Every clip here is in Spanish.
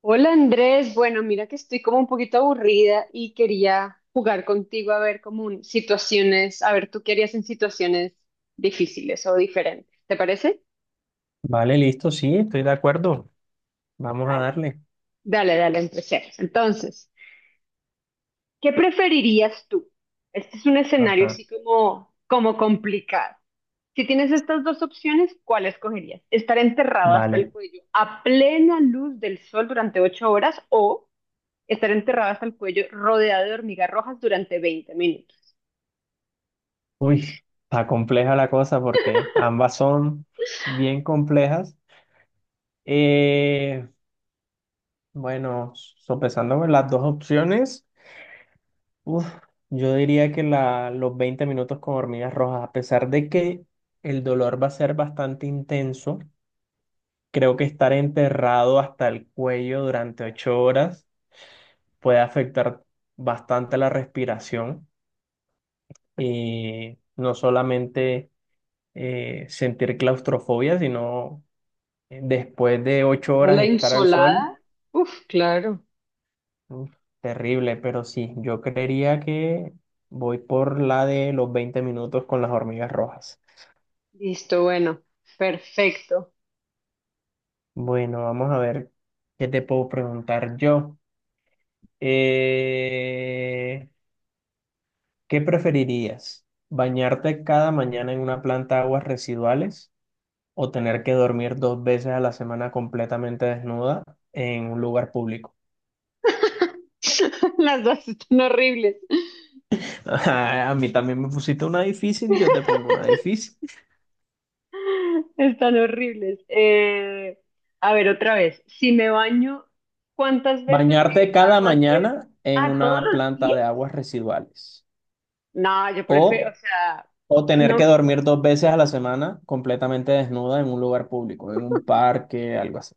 Hola Andrés, bueno, mira que estoy como un poquito aburrida y quería jugar contigo a ver como situaciones, a ver tú qué harías en situaciones difíciles o diferentes, ¿te parece? Vale, listo, sí, estoy de acuerdo. Vamos a Dale, darle. dale, dale, empecemos. Entonces, ¿qué preferirías tú? Este es un escenario Ajá, así como, como complicado. Si tienes estas dos opciones, ¿cuál escogerías? ¿Estar enterrado hasta el vale. cuello a plena luz del sol durante 8 horas o estar enterrada hasta el cuello, rodeada de hormigas rojas durante 20 minutos? Uy, está compleja la cosa porque ambas son bien complejas. Eh, bueno, sopesando con las dos opciones, uf, yo diría que los 20 minutos con hormigas rojas, a pesar de que el dolor va a ser bastante intenso, creo que estar enterrado hasta el cuello durante 8 horas puede afectar bastante la respiración. Y no solamente sentir claustrofobia, sino después de ocho ¿No horas la estar al sol, insolada? Uf, claro. uf, terrible, pero sí, yo creería que voy por la de los 20 minutos con las hormigas rojas. Listo, bueno. Perfecto. Bueno, vamos a ver qué te puedo preguntar yo. Eh, ¿Qué preferirías? ¿Bañarte cada mañana en una planta de aguas residuales o Wow. tener que dormir 2 veces a la semana completamente desnuda en un lugar público? Las dos están horribles. A mí también me pusiste una difícil, yo te pongo una difícil. Están horribles. A ver, otra vez. Si me baño, ¿cuántas veces en ¿Bañarte cada mañana en ¿A todos una los planta días? de aguas residuales No, yo prefiero, o, o sea, o tener no. que dormir dos veces a la semana completamente desnuda en un lugar público, en un parque, algo así?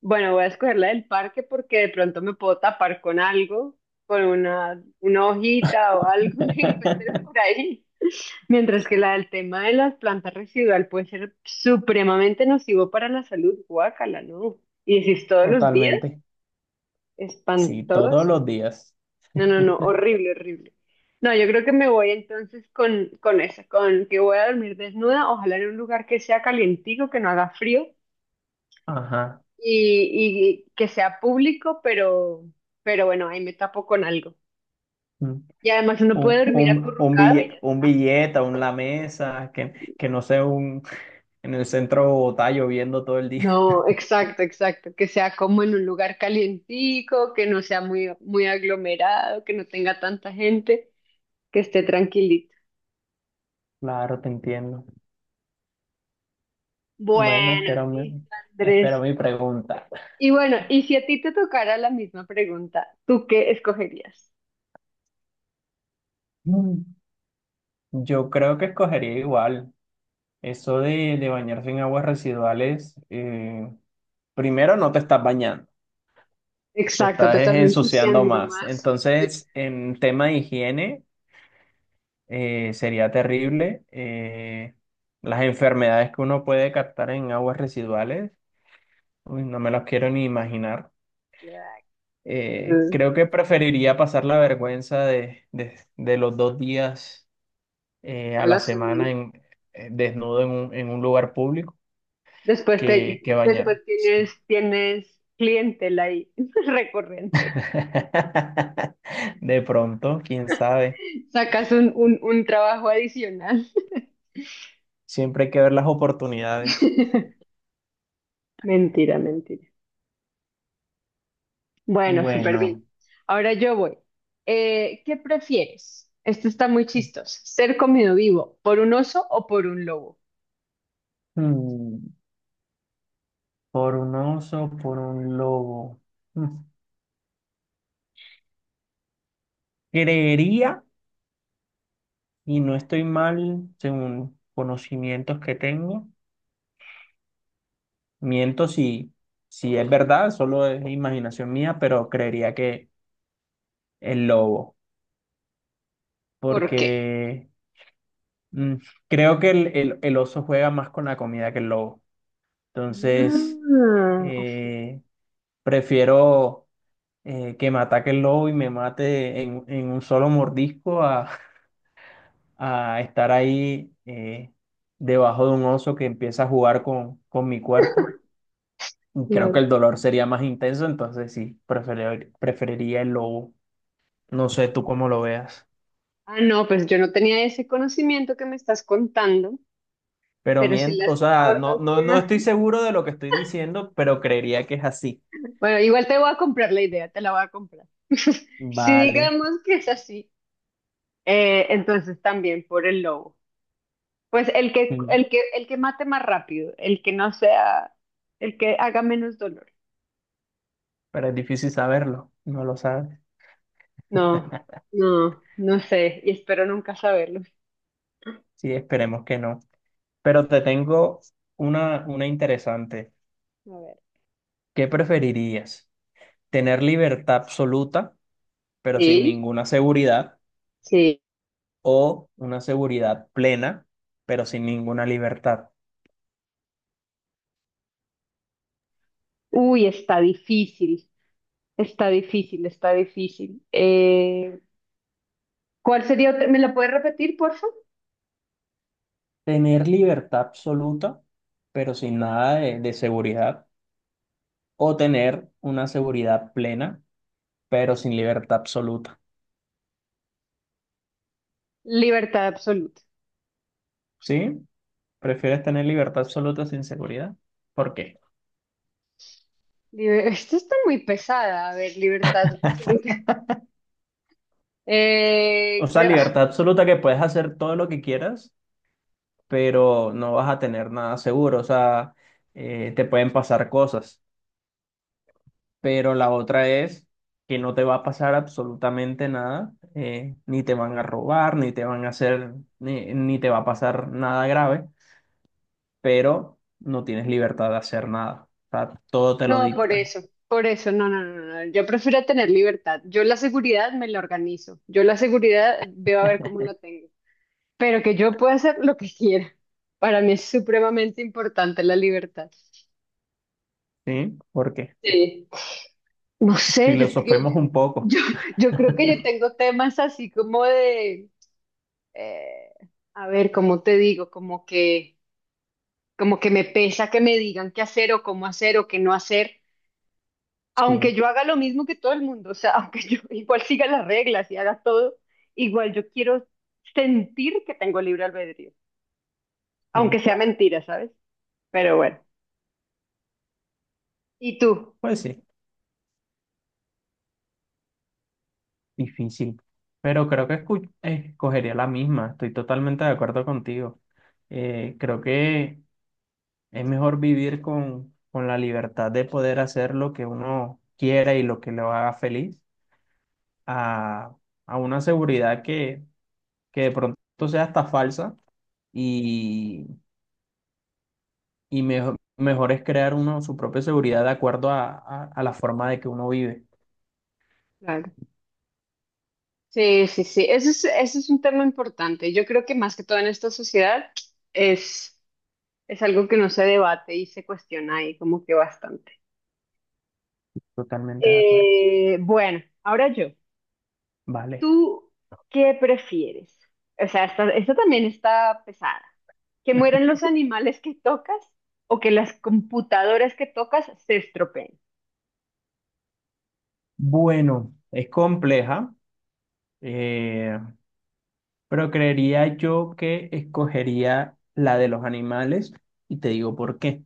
Bueno, voy a escoger la del parque porque de pronto me puedo tapar con algo, con una hojita o algo que encuentre por ahí. Mientras que la del tema de las plantas residual puede ser supremamente nocivo para la salud. Guácala, ¿no? Y decís todos los días, Totalmente. Sí, todos espantoso. los días. No, no, no, horrible, horrible. No, yo creo que me voy entonces con esa, con que voy a dormir desnuda, ojalá en un lugar que sea calientico, que no haga frío Ajá. Y que sea público, pero bueno, ahí me tapo con algo. Mm. Y además uno puede dormir Un acurrucado y ya billete, está. Un lamesa, que no sea un. En el centro de Bogotá lloviendo todo el día. No, exacto, exacto, que sea como en un lugar calientico, que no sea muy aglomerado, que no tenga tanta gente, que esté tranquilito. Claro, te entiendo. Bueno, Bueno, listo, espero Andrés. mi pregunta. Y bueno, y si a ti te tocara la misma pregunta, ¿tú qué escogerías? Mm, Yo creo que escogería igual. Eso de bañarse en aguas residuales, primero no te estás bañando, te Exacto, te estás ensuciando ensuciando más. más. Entonces, en tema de higiene, sería terrible. Las enfermedades que uno puede captar en aguas residuales, uy, no me las quiero ni imaginar. Exacto, Creo que preferiría pasar la vergüenza de los 2 días a a la la semana. semana en, desnudo en un lugar público Después que después bañarme. Tienes clientela ahí recurrente. De pronto, quién sabe. Sacas un trabajo adicional. Siempre hay que ver las oportunidades. Mentira, mentira. Bueno, súper bien. Bueno, Ahora yo voy. ¿Qué prefieres? Esto está muy chistoso. ¿Ser comido vivo por un oso o por un lobo? hmm, por un oso, por un lobo. Hmm, Creería, y no estoy mal según conocimientos que tengo. Miento si, si es verdad, solo es imaginación mía, pero creería que el lobo, ¿Por qué? porque mm, creo que el oso juega más con la comida que el lobo. Entonces, Ah, ok, eh, prefiero que me ataque el lobo y me mate en un solo mordisco a, a estar ahí debajo de un oso que empieza a jugar con mi cuerpo. Y creo que claro. el dolor sería más intenso, entonces sí, preferiría el lobo. No sé tú cómo lo veas, Ah, no, pues yo no tenía ese conocimiento que me estás contando, pero pero si las o sea, no, cosas no, son no estoy así. seguro de lo que estoy diciendo, pero creería que es así. Bueno, igual te voy a comprar la idea, te la voy a comprar. Si Vale, digamos que es así, entonces también por el lobo. Pues mm, el que mate más rápido, el que no sea, el que haga menos dolor. pero es difícil saberlo, no lo sabes. No, no, no sé, y espero nunca saberlo. Sí, esperemos que no. Pero te tengo una interesante. A ver. ¿Qué preferirías? ¿Tener libertad absoluta, pero sin ¿Sí? ninguna seguridad, o una seguridad plena, pero sin ninguna libertad? Uy, está difícil, está difícil, está difícil. ¿Cuál sería otra? ¿Me la puedes repetir, por favor? Tener libertad absoluta, pero sin nada de seguridad o tener una seguridad plena, pero sin libertad absoluta. Libertad absoluta. ¿Sí? ¿Prefieres tener libertad absoluta sin seguridad? ¿Por qué? Esto está muy pesada. A ver, libertad absoluta. O Eh, sea, creo, ah, libertad absoluta que puedes hacer todo lo que quieras, pero no vas a tener nada seguro. O sea, te pueden pasar cosas. Pero la otra es que no te va a pasar absolutamente nada, ni te van a robar, ni te van a hacer, ni te va a pasar nada grave, pero no tienes libertad de hacer nada. O sea, todo te lo no, dictan. Por eso, no, no, no, no. Yo prefiero tener libertad. Yo la seguridad me la organizo. Yo la seguridad veo a ver cómo la tengo. Pero que yo pueda hacer lo que quiera. Para mí es supremamente importante la libertad. Sí, porque Sí. No sé, filosofemos un poco. yo, yo creo que yo tengo temas así como eh, a ver, ¿cómo te digo? Como que me pesa que me digan qué hacer o cómo hacer o qué no hacer. Aunque Sí, yo haga lo mismo que todo el mundo, o sea, aunque yo igual siga las reglas y haga todo, igual yo quiero sentir que tengo libre albedrío, aunque sí. sea mentira, ¿sabes? Pero bueno, ¿y tú? Pues sí, difícil. Pero creo que escogería la misma. Estoy totalmente de acuerdo contigo. Creo que es mejor vivir con la libertad de poder hacer lo que uno quiera y lo que lo haga feliz a, a una seguridad que de pronto sea hasta falsa y, y mejor, mejor es crear uno su propia seguridad de acuerdo a la forma de que uno vive. Claro. Sí, sí, sí. Eso es un tema importante. Yo creo que más que todo en esta sociedad es, es algo que no se debate y se cuestiona ahí como que bastante. Totalmente de acuerdo. Bueno, ahora yo. Vale. ¿Tú qué prefieres? O sea, esta también está pesada. ¿Que mueran los animales que tocas o que las computadoras que tocas se estropeen? Bueno, es compleja, eh, pero creería yo que escogería la de los animales y te digo por qué.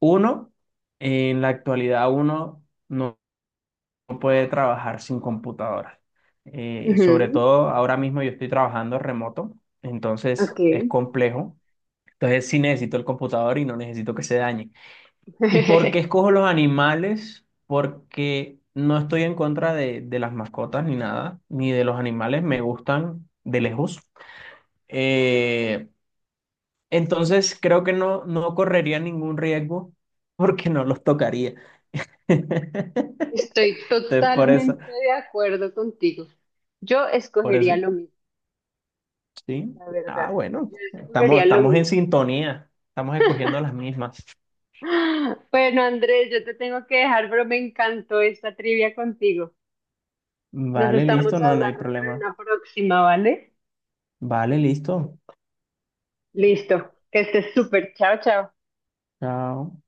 Uno, en la actualidad uno no puede trabajar sin computadora. Y sobre Ujú, todo ahora mismo yo estoy trabajando remoto, entonces ok. es complejo. Entonces sí necesito el computador y no necesito que se dañe. ¿Y por qué escojo los animales? Porque no estoy en contra de las mascotas ni nada, ni de los animales, me gustan de lejos. Eh, entonces creo que no, no correría ningún riesgo porque no los tocaría. Entonces, Estoy por eso, totalmente de acuerdo contigo. Yo por escogería eso, lo mismo, sí. la verdad. Ah, Yo bueno, estamos, escogería lo estamos en mismo. sintonía, estamos escogiendo las mismas. Ah, bueno, Andrés, yo te tengo que dejar, pero me encantó esta trivia contigo. Nos Vale, estamos listo, no, no hay hablando para problema. una próxima, ¿vale? Vale, listo. Listo. Que estés súper. Chao, chao. Chao.